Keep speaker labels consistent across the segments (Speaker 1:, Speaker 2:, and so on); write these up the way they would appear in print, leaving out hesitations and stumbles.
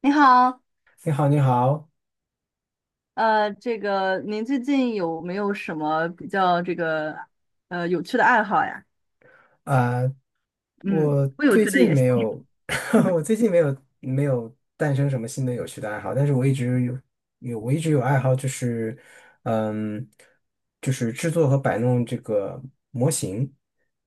Speaker 1: 你好。
Speaker 2: 你好，你好。
Speaker 1: 这个您最近有没有什么比较有趣的爱好呀？
Speaker 2: 啊、
Speaker 1: 嗯，
Speaker 2: 我
Speaker 1: 不有
Speaker 2: 最
Speaker 1: 趣的
Speaker 2: 近
Speaker 1: 也行。
Speaker 2: 没有。我最近没有诞生什么新的有趣的爱好，但是我一直有爱好，就是，嗯，就是制作和摆弄这个模型，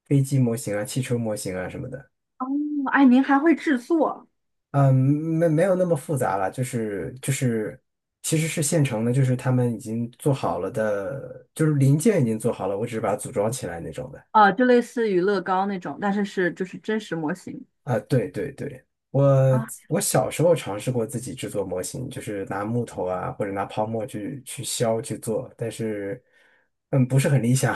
Speaker 2: 飞机模型啊、汽车模型啊什么的。
Speaker 1: 哦，哎，您还会制作
Speaker 2: 没有那么复杂了，就是其实是现成的，就是他们已经做好了的，就是零件已经做好了，我只是把它组装起来那种的。
Speaker 1: 啊？就类似于乐高那种，但是真实模型。
Speaker 2: 啊，对对对，我
Speaker 1: 啊，
Speaker 2: 我小时候尝试过自己制作模型，就是拿木头啊或者拿泡沫去削去做，但是不是很理想。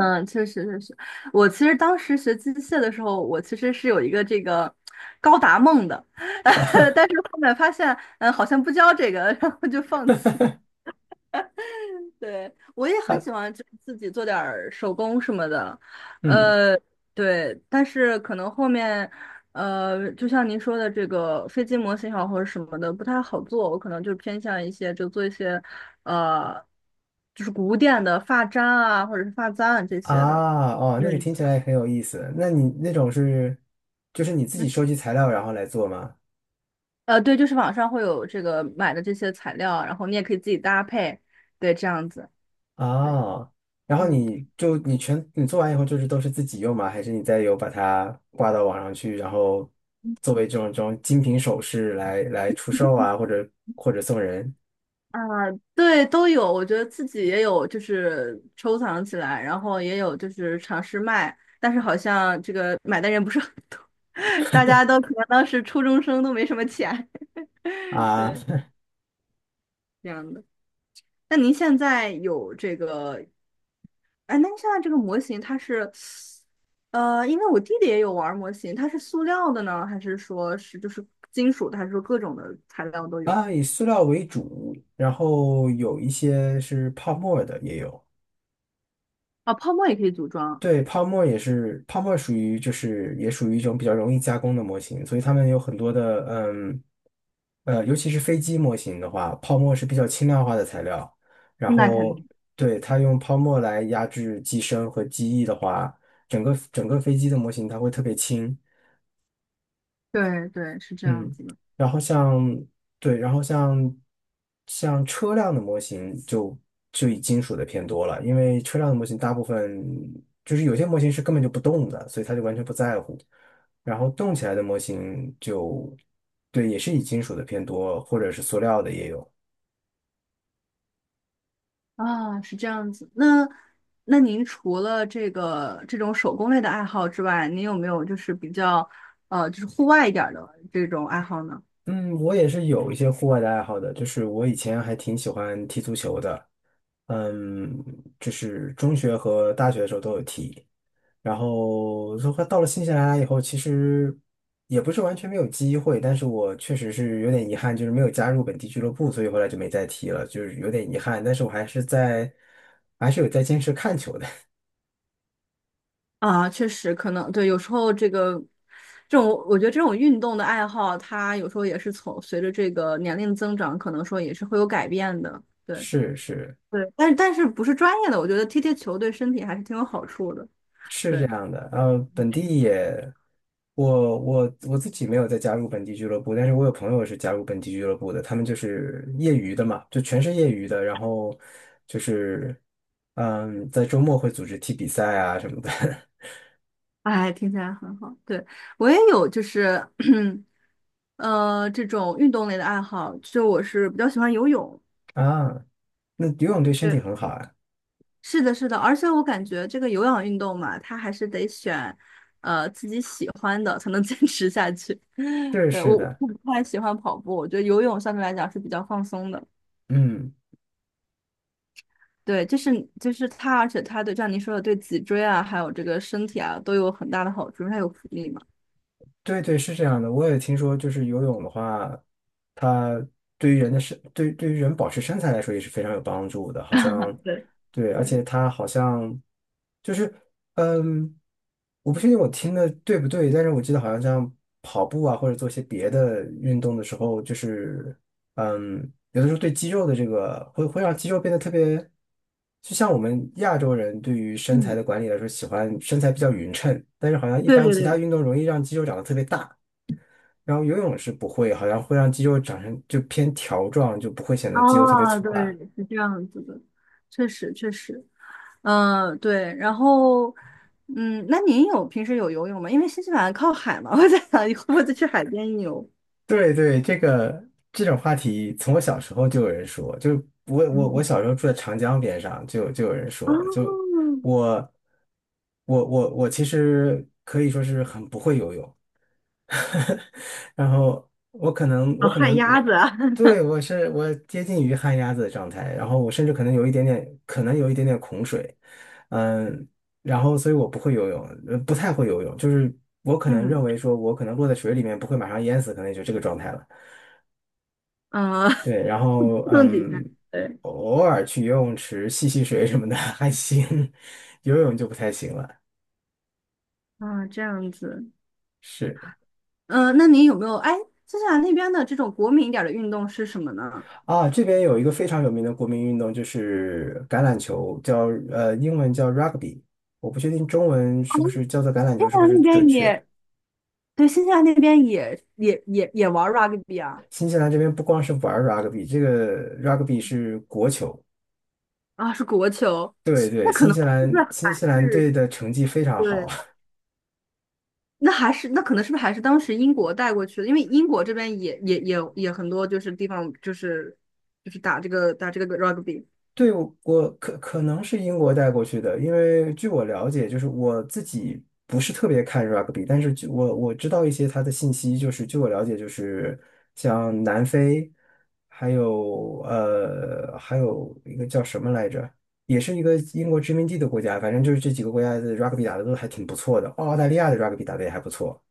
Speaker 1: 嗯，确实，我其实当时学机械的时候，我其实是有一个这个高达梦的，但是后面发现，嗯，好像不教这个，然后就放弃。对，我也很喜欢就自己做点儿手工什么的。
Speaker 2: 嗯
Speaker 1: 呃，对，但是可能后面，就像您说的这个飞机模型也好或者什么的不太好做，我可能就偏向一些就做一些，呃，就是古典的发簪啊或者是发簪啊这些的。
Speaker 2: 啊，那个
Speaker 1: 对。
Speaker 2: 听起来很有意思。那你那种是就是你自己
Speaker 1: 嗯。
Speaker 2: 收集材料然后来做吗？
Speaker 1: 对，就是网上会有这个买的这些材料，然后你也可以自己搭配，对，这样子。对。
Speaker 2: 啊，然后
Speaker 1: 嗯。
Speaker 2: 你做完以后就是都是自己用吗？还是你再有把它挂到网上去，然后作为这种精品首饰来出售啊，或者或者送人
Speaker 1: 啊，对，都有。我觉得自己也有，就是收藏起来，然后也有就是尝试卖，但是好像这个买的人不是很多，大家都可能当时初中生都没什么钱，
Speaker 2: 啊？
Speaker 1: 对，这样的。那您现在有这个，哎，那您现在这个模型它是，因为我弟弟也有玩儿模型，它是塑料的呢，还是说金属的，还是说各种的材料都 有？
Speaker 2: 啊，以塑料为主，然后有一些是泡沫的也有。
Speaker 1: 啊，泡沫也可以组装。
Speaker 2: 对，泡沫也是。泡沫属于也属于一种比较容易加工的模型，所以他们有很多的。尤其是飞机模型的话，泡沫是比较轻量化的材料。然
Speaker 1: 那肯
Speaker 2: 后
Speaker 1: 定。
Speaker 2: 对，它用泡沫来压制机身和机翼的话，整个飞机的模型它会特别轻。
Speaker 1: 对对，是这样
Speaker 2: 嗯，
Speaker 1: 子的。
Speaker 2: 然后像对，然后像车辆的模型就以金属的偏多了，因为车辆的模型大部分有些模型是根本就不动的，所以他就完全不在乎。然后动起来的模型对，也是以金属的偏多，或者是塑料的也有。
Speaker 1: 啊，是这样子。那那您除了这个这种手工类的爱好之外，您有没有就是比较就是户外一点儿的这种爱好呢？
Speaker 2: 嗯，我也是有一些户外的爱好的。就是我以前还挺喜欢踢足球的，嗯，就是中学和大学的时候都有踢。然后说到了新西兰以后，其实也不是完全没有机会，但是我确实是有点遗憾，就是没有加入本地俱乐部，所以后来就没再踢了，就是有点遗憾。但是我还是在，还是有在坚持看球的。
Speaker 1: 啊，确实可能对，有时候这种我觉得这种运动的爱好，它有时候也是从随着这个年龄增长，可能说也是会有改变的。对。
Speaker 2: 是是
Speaker 1: 对，但不是专业的，我觉得踢踢球对身体还是挺有好处的。
Speaker 2: 是
Speaker 1: 对。
Speaker 2: 这样的。然后本地也，我自己没有再加入本地俱乐部，但是我有朋友是加入本地俱乐部的，他们就是业余的嘛，就全是业余的，然后就是在周末会组织踢比赛啊什么的。
Speaker 1: 哎，听起来很好。对，我也有就是。这种运动类的爱好，就我是比较喜欢游泳。
Speaker 2: 啊，那游泳对身
Speaker 1: 对，
Speaker 2: 体很好啊。
Speaker 1: 是的，是的，而且我感觉这个有氧运动嘛，它还是得选，自己喜欢的才能坚持下去。
Speaker 2: 是
Speaker 1: 对，
Speaker 2: 是
Speaker 1: 我
Speaker 2: 的，
Speaker 1: 我不太喜欢跑步，我觉得游泳相对来讲是比较放松的。
Speaker 2: 嗯，
Speaker 1: 对，就是它，而且它对，像您说的，对脊椎啊，还有这个身体啊，都有很大的好处，因为它有浮力嘛。
Speaker 2: 对对，是这样的。我也听说，就是游泳的话，它对于人的身，对，对于人保持身材来说也是非常有帮助的，好像。
Speaker 1: 对
Speaker 2: 对，而
Speaker 1: 对。
Speaker 2: 且它好像就是，嗯，我不确定我听的对不对，但是我记得好像像跑步啊，或者做一些别的运动的时候，有的时候对肌肉的这个会让肌肉变得特别，就像我们亚洲人对于身材的
Speaker 1: 嗯。
Speaker 2: 管理来说，喜欢身材比较匀称，但是好像一
Speaker 1: 对
Speaker 2: 般
Speaker 1: 对
Speaker 2: 其他
Speaker 1: 对。
Speaker 2: 运动容易让肌肉长得特别大。然后游泳是不会，好像会让肌肉长成就偏条状，就不会显得肌肉特别
Speaker 1: 哦，
Speaker 2: 粗大。
Speaker 1: 对，是这样子的，确实确实。嗯、对，然后，嗯，那您有平时有游泳吗？因为新西兰靠海嘛，我在想你会不会再去海边游？
Speaker 2: 对对，这种话题，从我小时候就有人说。就我小 时候住在长江边上，就有人
Speaker 1: 哦。
Speaker 2: 说。就我我我我其实可以说是很不会游泳。然后我可能我
Speaker 1: 哦，
Speaker 2: 可
Speaker 1: 旱
Speaker 2: 能
Speaker 1: 鸭
Speaker 2: 我
Speaker 1: 子啊。
Speaker 2: 对我是我接近于旱鸭子的状态。然后我甚至可能有一点点，可能有一点点恐水，嗯，然后所以我不会游泳，不太会游泳，就是我可能
Speaker 1: 嗯。
Speaker 2: 认为说我可能落在水里面不会马上淹死，可能也就这个状态了。
Speaker 1: 呃，
Speaker 2: 对，
Speaker 1: 弄几下，对。
Speaker 2: 偶尔去游泳池戏水什么的。 还行，游泳就不太行了。
Speaker 1: 啊，这样子。
Speaker 2: 是。
Speaker 1: 嗯，那您有没有？哎，新西兰那边的这种国民一点儿的运动是什么呢？
Speaker 2: 啊，这边有一个非常有名的国民运动就是橄榄球，叫英文叫 rugby，我不确定中文是不是叫做橄榄
Speaker 1: 新
Speaker 2: 球是
Speaker 1: 西
Speaker 2: 不
Speaker 1: 兰
Speaker 2: 是
Speaker 1: 那
Speaker 2: 准
Speaker 1: 边
Speaker 2: 确。
Speaker 1: 也，对，新西兰那边也玩 rugby 啊。
Speaker 2: 新西兰这边不光是玩儿 rugby，这个 rugby 是国球。
Speaker 1: 啊，是国球。
Speaker 2: 对对，
Speaker 1: 那可能是不是
Speaker 2: 新
Speaker 1: 还
Speaker 2: 西兰队
Speaker 1: 是
Speaker 2: 的成绩非常好。
Speaker 1: 对？那还是那可能是不是还是当时英国带过去的？因为英国这边也很多，就是地方打这个 rugby。
Speaker 2: 对，可能是英国带过去的，因为据我了解，就是我自己不是特别看 rugby，但是我知道一些他的信息，就是据我了解，就是像南非，还有还有一个叫什么来着，也是一个英国殖民地的国家，反正就是这几个国家的 rugby 打的都还挺不错的，澳大利亚的 rugby 打的也还不错。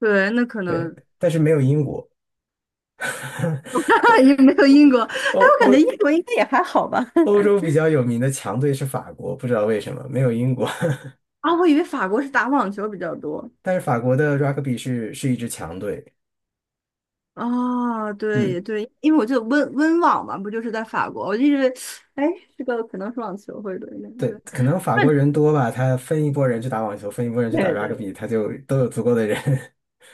Speaker 1: 对，那可
Speaker 2: 对，
Speaker 1: 能
Speaker 2: 但是没有英国。欧
Speaker 1: 也没有英国，哎，
Speaker 2: 哦
Speaker 1: 我感
Speaker 2: 哦，
Speaker 1: 觉英国应该也还好吧。
Speaker 2: 欧 洲比较有名的强队是法国，不知道为什么没有英国。
Speaker 1: 啊，我以为法国是打网球比较多。
Speaker 2: 但是法国的 rugby 是一支强队。
Speaker 1: 啊，
Speaker 2: 嗯，
Speaker 1: 对对，因为我记得温网嘛，不就是在法国？我就一直，哎，这个可能是网球会多一点。
Speaker 2: 对，
Speaker 1: 对。
Speaker 2: 可能法国人多吧，他分一拨人去打网球，分一拨人去打
Speaker 1: 对
Speaker 2: rugby，
Speaker 1: 对
Speaker 2: 他就都有足够的人。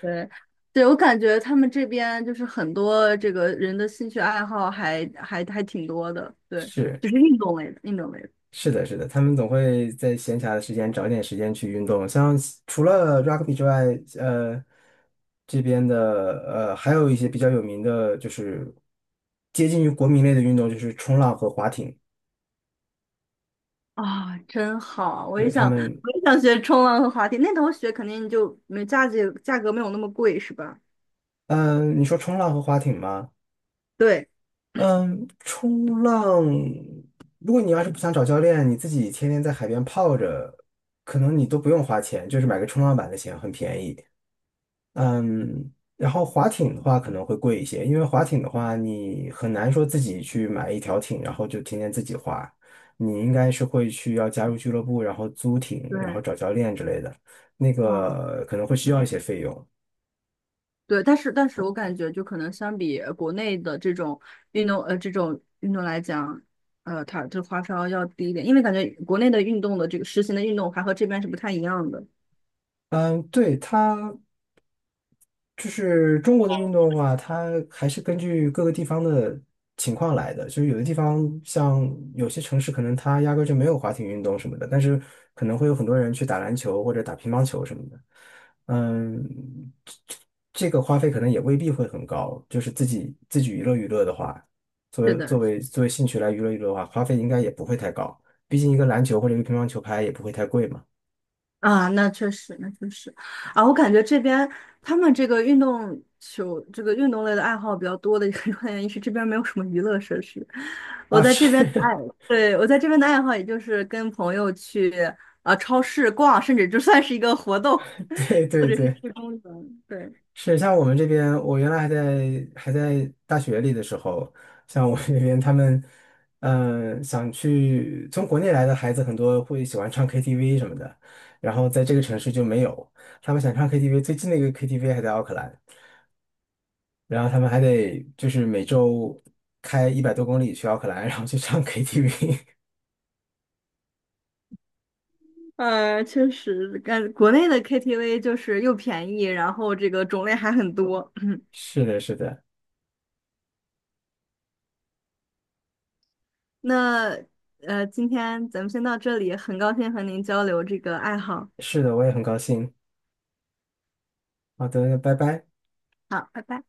Speaker 1: 对。对，我感觉他们这边就是很多这个人的兴趣爱好还挺多的，对，就
Speaker 2: 是
Speaker 1: 是运动类的，运动类的。
Speaker 2: 是的，他们总会在闲暇的时间找点时间去运动。像除了 rugby 之外，呃，这边的还有一些比较有名的，就是接近于国民类的运动，就是冲浪和划艇。
Speaker 1: 啊，真好！我也
Speaker 2: 对，他
Speaker 1: 想，
Speaker 2: 们
Speaker 1: 我也想学冲浪和滑梯，那头学肯定就没价格没有那么贵，是吧？
Speaker 2: 嗯，你说冲浪和划艇吗？
Speaker 1: 对
Speaker 2: 嗯，冲浪，如果你要是不想找教练，你自己天天在海边泡着，可能你都不用花钱，就是买个冲浪板的钱，很便宜。嗯，然后划艇的话可能会贵一些，因为划艇的话你很难说自己去买一条艇，然后就天天自己划，你应该是会去要加入俱乐部，然后租艇，然后
Speaker 1: 对。
Speaker 2: 找教练之类的，那
Speaker 1: 嗯，
Speaker 2: 个可能会需要一些费用。
Speaker 1: 对，但是我感觉就可能相比国内的这种这种运动来讲，它这花销要低一点，因为感觉国内的运动的这个实行的运动还和这边是不太一样的。
Speaker 2: 嗯，对，它。就是中国的运动的话，它还是根据各个地方的情况来的。就是有的地方，像有些城市，可能它压根儿就没有滑艇运动什么的，但是可能会有很多人去打篮球或者打乒乓球什么的。嗯，这这个花费可能也未必会很高。就是自己娱乐娱乐的话，
Speaker 1: 是的。
Speaker 2: 作为兴趣来娱乐娱乐的话，花费应该也不会太高。毕竟一个篮球或者一个乒乓球拍也不会太贵嘛。
Speaker 1: 啊，那确实，那确实。啊，我感觉这边他们这个运动球，这个运动类的爱好比较多的一个原因是这边没有什么娱乐设施。我
Speaker 2: 啊，
Speaker 1: 在这边的爱，
Speaker 2: 是。
Speaker 1: 对，我在这边的爱好也就是跟朋友去啊超市逛，甚至就算是一个活动，
Speaker 2: 对
Speaker 1: 或
Speaker 2: 对
Speaker 1: 者是
Speaker 2: 对。
Speaker 1: 去公园。对。
Speaker 2: 是像我们这边，我原来还在大学里的时候，像我们这边他们，想去从国内来的孩子很多会喜欢唱 KTV 什么的，然后在这个城市就没有，他们想唱 KTV，最近的一个 KTV 还在奥克兰，然后他们还得就是每周开100多公里去奥克兰，然后去唱 KTV。
Speaker 1: 呃，确实，感国内的 KTV 就是又便宜，然后这个种类还很多。
Speaker 2: 是的，是的，
Speaker 1: 那今天咱们先到这里，很高兴和您交流这个爱好。
Speaker 2: 是的，我也很高兴。好的，那拜拜。
Speaker 1: 好，拜拜。